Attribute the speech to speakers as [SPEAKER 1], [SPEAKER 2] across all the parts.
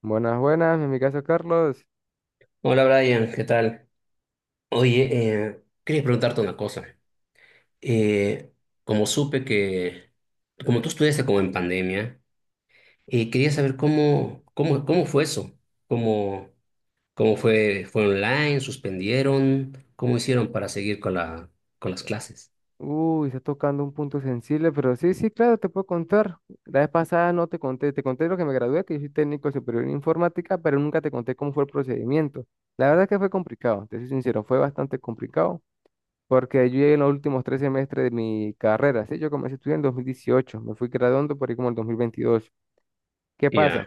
[SPEAKER 1] Buenas, buenas, en mi caso Carlos.
[SPEAKER 2] Hola Brian, ¿qué tal? Oye, quería preguntarte una cosa. Eh, como supe que, como tú estudiaste como en pandemia, quería saber cómo fue eso, cómo, cómo fue online, suspendieron, cómo hicieron para seguir con con las clases.
[SPEAKER 1] Uy, está tocando un punto sensible, pero sí, sí, claro, te puedo contar. La vez pasada no te conté, te conté lo que me gradué, que yo soy técnico superior en informática, pero nunca te conté cómo fue el procedimiento. La verdad es que fue complicado, te soy sincero, fue bastante complicado, porque yo llegué en los últimos tres semestres de mi carrera, ¿sí? Yo comencé a estudiar en 2018, me fui graduando por ahí como el 2022. ¿Qué pasa?
[SPEAKER 2] Ya,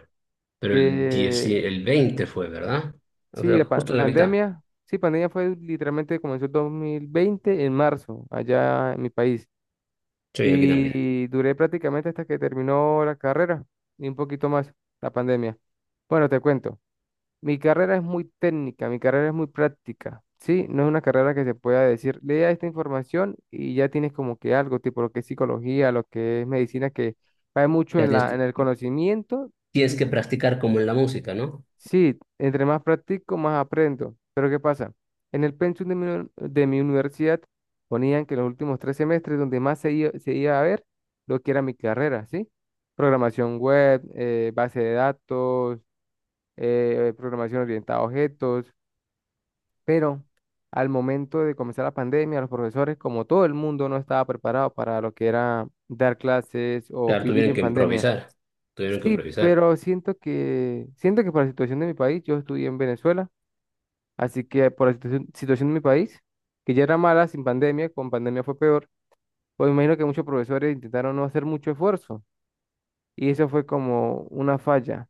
[SPEAKER 2] pero el
[SPEAKER 1] Que
[SPEAKER 2] el 20 fue, ¿verdad? O
[SPEAKER 1] sí, la
[SPEAKER 2] sea,
[SPEAKER 1] pa-
[SPEAKER 2] justo en la mitad.
[SPEAKER 1] pandemia, sí, pandemia fue literalmente, comenzó el 2020 en marzo, allá en mi país.
[SPEAKER 2] Sí, aquí también.
[SPEAKER 1] Y duré prácticamente hasta que terminó la carrera, y un poquito más, la pandemia. Bueno, te cuento, mi carrera es muy técnica, mi carrera es muy práctica, ¿sí? No es una carrera que se pueda decir, lea esta información y ya tienes como que algo, tipo lo que es psicología, lo que es medicina, que va mucho
[SPEAKER 2] Ya
[SPEAKER 1] en
[SPEAKER 2] tienes
[SPEAKER 1] la,
[SPEAKER 2] que,
[SPEAKER 1] en el conocimiento.
[SPEAKER 2] tienes que practicar como en la música, ¿no?
[SPEAKER 1] Sí, entre más practico, más aprendo. Pero ¿qué pasa? En el pensum de mi universidad ponían que los últimos tres semestres donde más se iba a ver lo que era mi carrera, ¿sí? Programación web, base de datos, programación orientada a objetos. Pero al momento de comenzar la pandemia, los profesores, como todo el mundo, no estaba preparado para lo que era dar clases o
[SPEAKER 2] Claro,
[SPEAKER 1] vivir en pandemia.
[SPEAKER 2] tuvieron que
[SPEAKER 1] Sí,
[SPEAKER 2] improvisar.
[SPEAKER 1] pero siento que por la situación de mi país, yo estudié en Venezuela. Así que por la situación en mi país, que ya era mala sin pandemia, con pandemia fue peor, pues me imagino que muchos profesores intentaron no hacer mucho esfuerzo, y eso fue como una falla.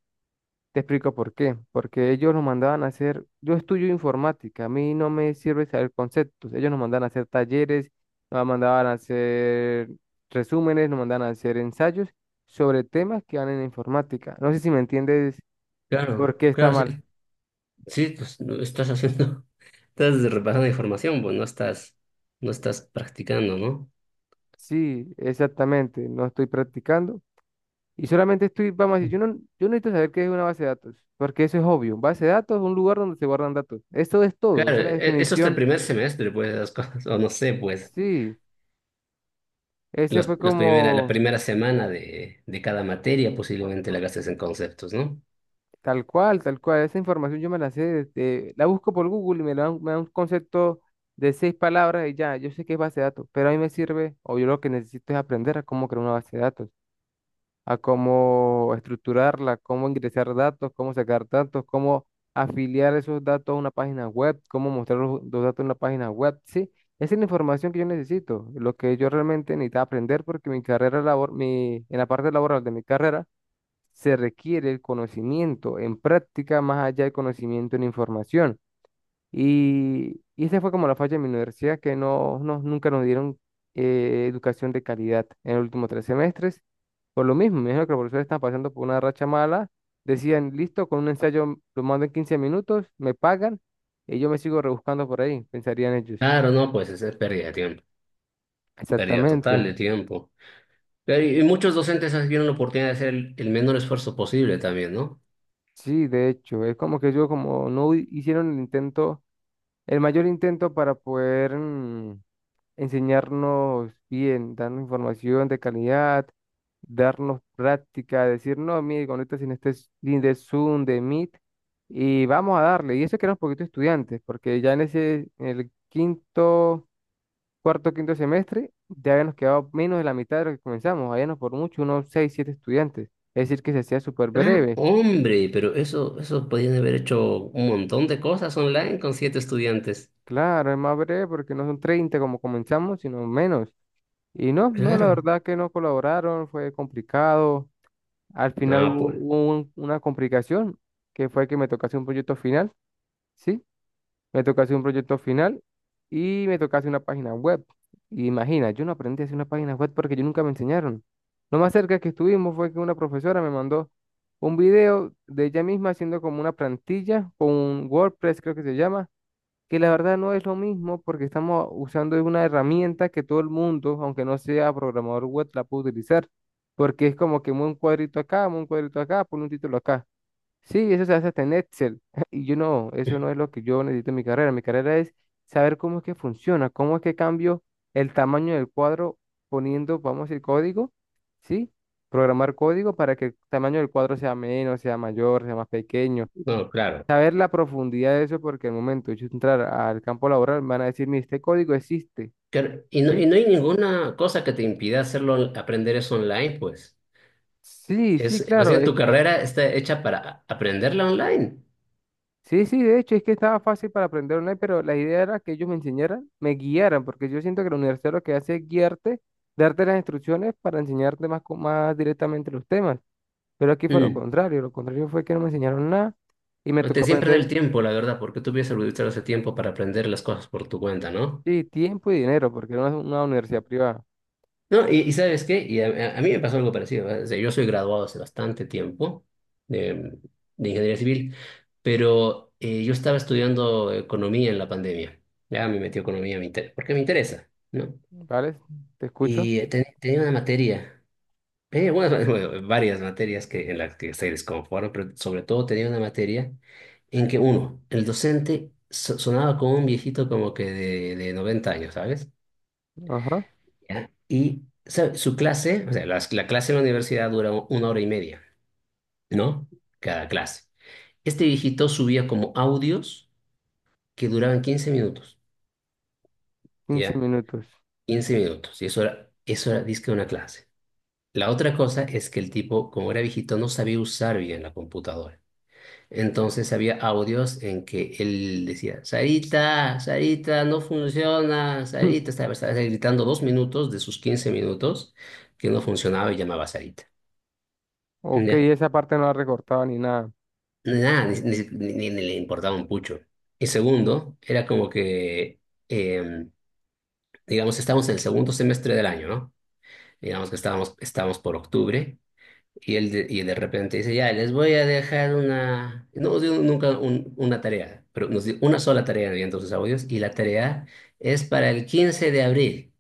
[SPEAKER 1] Te explico por qué. Porque ellos nos mandaban a hacer, yo estudio informática, a mí no me sirve saber conceptos, ellos nos mandaban a hacer talleres, nos mandaban a hacer resúmenes, nos mandaban a hacer ensayos sobre temas que van en informática. No sé si me entiendes
[SPEAKER 2] Claro,
[SPEAKER 1] por qué está
[SPEAKER 2] claro, sí.
[SPEAKER 1] mal.
[SPEAKER 2] Sí, pues no estás haciendo, estás repasando información, pues no estás, no estás practicando, ¿no?
[SPEAKER 1] Sí, exactamente, no estoy practicando. Y solamente estoy, vamos a decir, yo no necesito saber qué es una base de datos, porque eso es obvio. Base de datos es un lugar donde se guardan datos. Eso es todo,
[SPEAKER 2] Claro,
[SPEAKER 1] esa es la
[SPEAKER 2] eso hasta el
[SPEAKER 1] definición.
[SPEAKER 2] primer semestre, pues, las cosas, o no sé, pues,
[SPEAKER 1] Sí, ese fue
[SPEAKER 2] la
[SPEAKER 1] como
[SPEAKER 2] primera semana de cada materia posiblemente la gastes en conceptos, ¿no?
[SPEAKER 1] tal cual, tal cual. Esa información yo me la sé, la busco por Google y me da un concepto de seis palabras y ya, yo sé qué es base de datos, pero a mí me sirve, o yo lo que necesito es aprender a cómo crear una base de datos. A cómo estructurarla, cómo ingresar datos, cómo sacar datos, cómo afiliar esos datos a una página web, cómo mostrar los datos en una página web, sí. Esa es la información que yo necesito, lo que yo realmente necesitaba aprender porque mi carrera labor, mi, en la parte laboral de mi carrera se requiere el conocimiento en práctica más allá del conocimiento en información. Y esa fue como la falla de mi universidad, que nunca nos dieron educación de calidad en los últimos tres semestres. Por lo mismo, me dijeron que los profesores están pasando por una racha mala. Decían, listo, con un ensayo lo mando en 15 minutos, me pagan y yo me sigo rebuscando por ahí, pensarían ellos.
[SPEAKER 2] Claro, no, pues es pérdida de tiempo, pérdida
[SPEAKER 1] Exactamente.
[SPEAKER 2] total de tiempo. Pero, y muchos docentes tienen la oportunidad de hacer el menor esfuerzo posible también, ¿no?
[SPEAKER 1] Sí, de hecho, es como que yo como no hu- hicieron el intento, el mayor intento para poder... enseñarnos bien, darnos información de calidad, darnos práctica, decir, no, mire, conéctate en este link de Zoom, de Meet, y vamos a darle. Y eso que era un poquito estudiantes, porque ya en el quinto, quinto semestre, ya habíamos quedado menos de la mitad de lo que comenzamos, habíamos por mucho unos seis, siete estudiantes. Es decir, que se hacía súper
[SPEAKER 2] Ah,
[SPEAKER 1] breve.
[SPEAKER 2] hombre, pero eso podían haber hecho un montón de cosas online con siete estudiantes.
[SPEAKER 1] Claro, es más breve porque no son 30 como comenzamos, sino menos. Y no, no, la
[SPEAKER 2] Claro.
[SPEAKER 1] verdad que no colaboraron, fue complicado. Al final
[SPEAKER 2] No,
[SPEAKER 1] hubo,
[SPEAKER 2] pues,
[SPEAKER 1] hubo un- una complicación, que fue que me tocase un proyecto final, ¿sí? Me tocase un proyecto final y me tocase una página web. Y imagina, yo no aprendí a hacer una página web porque yo nunca me enseñaron. Lo más cerca que estuvimos fue que una profesora me mandó un video de ella misma haciendo como una plantilla con un WordPress, creo que se llama, que la verdad no es lo mismo porque estamos usando una herramienta que todo el mundo, aunque no sea programador web, la puede utilizar, porque es como que mueve un cuadrito acá, mueve un cuadrito acá, pone un título acá. Sí, eso se hace hasta en Excel. Y yo no, eso no es lo que yo necesito en mi carrera. Mi carrera es saber cómo es que funciona, cómo es que cambio el tamaño del cuadro poniendo, vamos a decir, código, ¿sí? Programar código para que el tamaño del cuadro sea menos, sea mayor, sea más pequeño.
[SPEAKER 2] no, claro.
[SPEAKER 1] Saber la profundidad de eso, porque al momento de yo entrar al campo laboral, me van a decir, mire, este código existe.
[SPEAKER 2] Claro, y no, y
[SPEAKER 1] Sí,
[SPEAKER 2] no hay ninguna cosa que te impida hacerlo, aprender eso online, pues.
[SPEAKER 1] sí, sí,
[SPEAKER 2] Es, más
[SPEAKER 1] claro,
[SPEAKER 2] bien, tu
[SPEAKER 1] es que,
[SPEAKER 2] carrera está hecha para aprenderla online.
[SPEAKER 1] sí, sí, de hecho, es que estaba fácil para aprender online, pero la idea era que ellos me enseñaran, me guiaran, porque yo siento que la universidad lo que hace es guiarte, darte las instrucciones para enseñarte más, más directamente los temas. Pero aquí fue
[SPEAKER 2] Mm.
[SPEAKER 1] lo contrario fue que no me enseñaron nada y me tocó
[SPEAKER 2] Te siempre da
[SPEAKER 1] aprender,
[SPEAKER 2] el tiempo, la verdad, porque tú hubieses utilizado ese tiempo para aprender las cosas por tu cuenta, ¿no?
[SPEAKER 1] sí, tiempo y dinero, porque era una universidad privada,
[SPEAKER 2] No, y ¿sabes qué? A mí me pasó algo parecido, ¿eh? O sea, yo soy graduado hace bastante tiempo de, de ingeniería civil, pero yo estaba estudiando economía en la pandemia. Ya me metí a economía, porque me interesa, ¿no?
[SPEAKER 1] ¿vale? Te escucho.
[SPEAKER 2] Y tenía una materia, tenía algunas- bueno, varias materias que, en las que se desconforme, pero sobre todo tenía una materia en que uno, el docente sonaba como un viejito como que de 90 años, ¿sabes?
[SPEAKER 1] Ajá,
[SPEAKER 2] Ya. ¿Y sabe? Su clase, o sea, clase en la universidad dura una hora y media, ¿no? Cada clase. Este viejito subía como audios que duraban 15 minutos,
[SPEAKER 1] 15
[SPEAKER 2] ¿ya?
[SPEAKER 1] minutos.
[SPEAKER 2] 15 minutos. Y eso era disque una clase. La otra cosa es que el tipo, como era viejito, no sabía usar bien la computadora. Entonces había audios en que él decía, Sarita, Sarita, no funciona, Sarita, estaba gritando 2 minutos de sus 15 minutos que no funcionaba y llamaba a Sarita.
[SPEAKER 1] Ok,
[SPEAKER 2] Ya.
[SPEAKER 1] esa parte no la recortaba ni nada.
[SPEAKER 2] Nada, ni le importaba un pucho. Y segundo, era como que, eh, digamos, estábamos en el segundo semestre del año, ¿no? Digamos que estábamos por octubre y de repente dice, ya, les voy a dejar una, no nos dio nunca una tarea, pero nos dio una sola tarea en sus audios y la tarea es para el 15 de abril.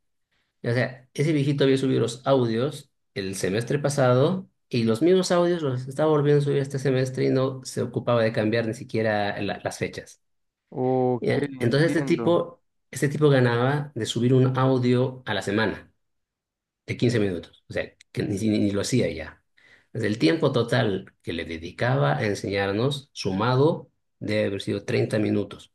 [SPEAKER 2] O sea, ese viejito había subido los audios el semestre pasado y los mismos audios los estaba volviendo a subir este semestre y no se ocupaba de cambiar ni siquiera las fechas.
[SPEAKER 1] Ok,
[SPEAKER 2] Ya, entonces
[SPEAKER 1] entiendo.
[SPEAKER 2] este tipo ganaba de subir un audio a la semana de 15 minutos. O sea, que ni lo hacía ya. Desde el tiempo total que le dedicaba a enseñarnos, sumado, debe haber sido 30 minutos.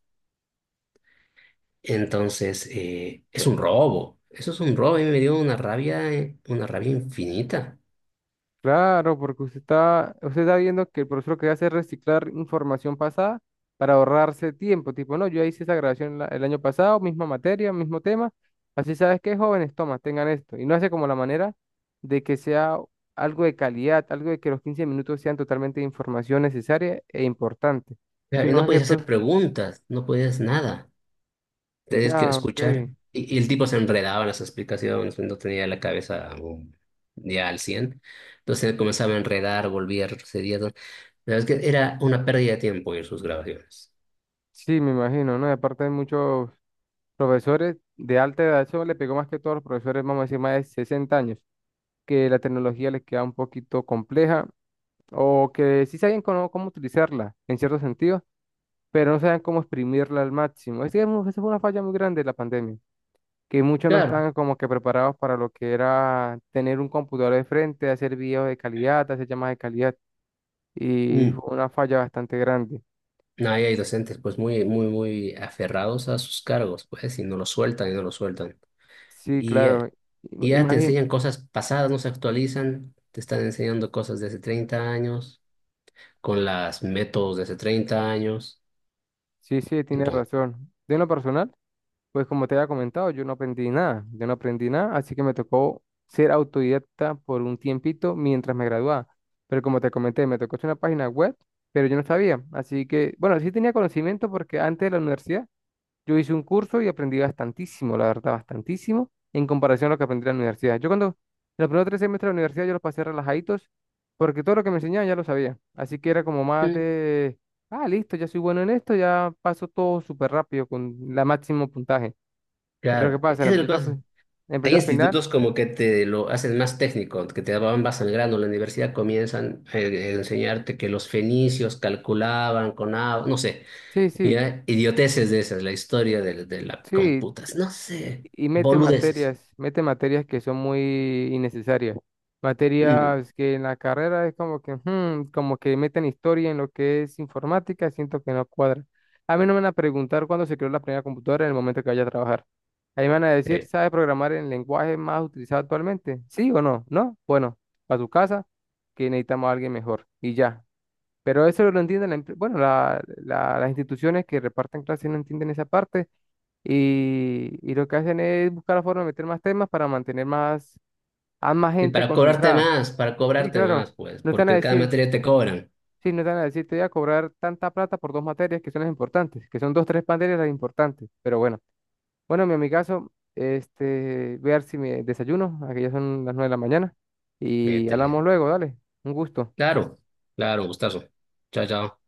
[SPEAKER 2] Entonces, es un robo. Eso es un robo. A mí me dio una rabia infinita.
[SPEAKER 1] Claro, porque usted está viendo que el profesor lo que hace es reciclar información pasada para ahorrarse tiempo. Tipo, no, yo hice esa grabación el año pasado, misma materia, mismo tema. Así sabes que jóvenes, toma, tengan esto. Y no hace como la manera de que sea algo de calidad, algo de que los 15 minutos sean totalmente de información necesaria e importante.
[SPEAKER 2] Claro, y
[SPEAKER 1] Sino
[SPEAKER 2] no
[SPEAKER 1] más que
[SPEAKER 2] podías hacer
[SPEAKER 1] todo,
[SPEAKER 2] preguntas, no podías nada. Tenías que
[SPEAKER 1] ya, ok.
[SPEAKER 2] escuchar. Y el tipo se enredaba en las explicaciones, no tenía la cabeza ya al 100. Entonces comenzaba a enredar, volvía, retrocedía, todo. La verdad es que era una pérdida de tiempo ir sus grabaciones.
[SPEAKER 1] Sí, me imagino, ¿no? Y aparte hay muchos profesores de alta edad, eso le pegó más que todos los profesores, vamos a decir, más de 60 años, que la tecnología les queda un poquito compleja o que sí saben cómo, utilizarla en cierto sentido, pero no saben cómo exprimirla al máximo. Es que esa fue una falla muy grande de la pandemia, que muchos no
[SPEAKER 2] Claro,
[SPEAKER 1] estaban como que preparados para lo que era tener un computador de frente, hacer videos de calidad, hacer llamadas de calidad, y
[SPEAKER 2] mm,
[SPEAKER 1] fue una falla bastante grande.
[SPEAKER 2] no, ahí hay docentes pues muy aferrados a sus cargos, pues, y no lo sueltan y no lo sueltan.
[SPEAKER 1] Sí,
[SPEAKER 2] Y, eh,
[SPEAKER 1] claro,
[SPEAKER 2] y ya te
[SPEAKER 1] imagínate,
[SPEAKER 2] enseñan cosas pasadas, no se actualizan, te están enseñando cosas de hace 30 años, con las métodos de hace 30 años.
[SPEAKER 1] sí, sí, tienes
[SPEAKER 2] Entonces,
[SPEAKER 1] razón. De lo personal. Pues como te había comentado, yo no aprendí nada, yo no aprendí nada, así que me tocó ser autodidacta por un tiempito mientras me graduaba. Pero como te comenté, me tocó hacer una página web, pero yo no sabía. Así que, bueno, sí tenía conocimiento porque antes de la universidad yo hice un curso y aprendí bastantísimo, la verdad, bastantísimo, en comparación a lo que aprendí en la universidad. Yo cuando los primeros tres semestres de la universidad yo los pasé relajaditos porque todo lo que me enseñaban ya lo sabía. Así que era como más
[SPEAKER 2] mm,
[SPEAKER 1] de, ah, listo, ya soy bueno en esto, ya paso todo súper rápido con la máximo puntaje. Pero ¿qué
[SPEAKER 2] claro,
[SPEAKER 1] pasa? En
[SPEAKER 2] esa
[SPEAKER 1] el
[SPEAKER 2] es la
[SPEAKER 1] proyecto, fi-
[SPEAKER 2] cosa.
[SPEAKER 1] en el
[SPEAKER 2] Hay
[SPEAKER 1] proyecto final,
[SPEAKER 2] institutos como que te lo hacen más técnico, que te van más al grano. La universidad comienzan a enseñarte que los fenicios calculaban con agua, no sé,
[SPEAKER 1] sí, sí,
[SPEAKER 2] ya, idioteces de esas, la historia de la
[SPEAKER 1] sí,
[SPEAKER 2] computas, no sé,
[SPEAKER 1] y
[SPEAKER 2] boludeces.
[SPEAKER 1] mete materias que son muy innecesarias.
[SPEAKER 2] Mm.
[SPEAKER 1] Materias que en la carrera es como que, "Hmm", como que meten historia en lo que es informática, siento que no cuadra. A mí no me van a preguntar cuándo se creó la primera computadora en el momento que vaya a trabajar. Ahí me van a decir,
[SPEAKER 2] Sí.
[SPEAKER 1] ¿sabe programar el lenguaje más utilizado actualmente? ¿Sí o no? ¿No? Bueno, para tu casa, que necesitamos a alguien mejor. Y ya. Pero eso lo entienden, la bueno, las instituciones que reparten clases no entienden esa parte, y lo que hacen es buscar la forma de meter más temas para mantener más, a más
[SPEAKER 2] Y
[SPEAKER 1] gente concentrada.
[SPEAKER 2] para
[SPEAKER 1] Sí,
[SPEAKER 2] cobrarte
[SPEAKER 1] claro,
[SPEAKER 2] más, pues,
[SPEAKER 1] no están a
[SPEAKER 2] porque cada
[SPEAKER 1] decir,
[SPEAKER 2] materia te cobran.
[SPEAKER 1] sí, no están a decir, te voy a cobrar tanta plata por dos materias que son las importantes, que son dos, tres materias las importantes, pero bueno. Bueno, mi amigazo, este, voy a ver si me desayuno, aquí ya son las 9 de la mañana y
[SPEAKER 2] Métele.
[SPEAKER 1] hablamos luego, dale, un gusto.
[SPEAKER 2] Claro, claro, gustazo. Chao, chao.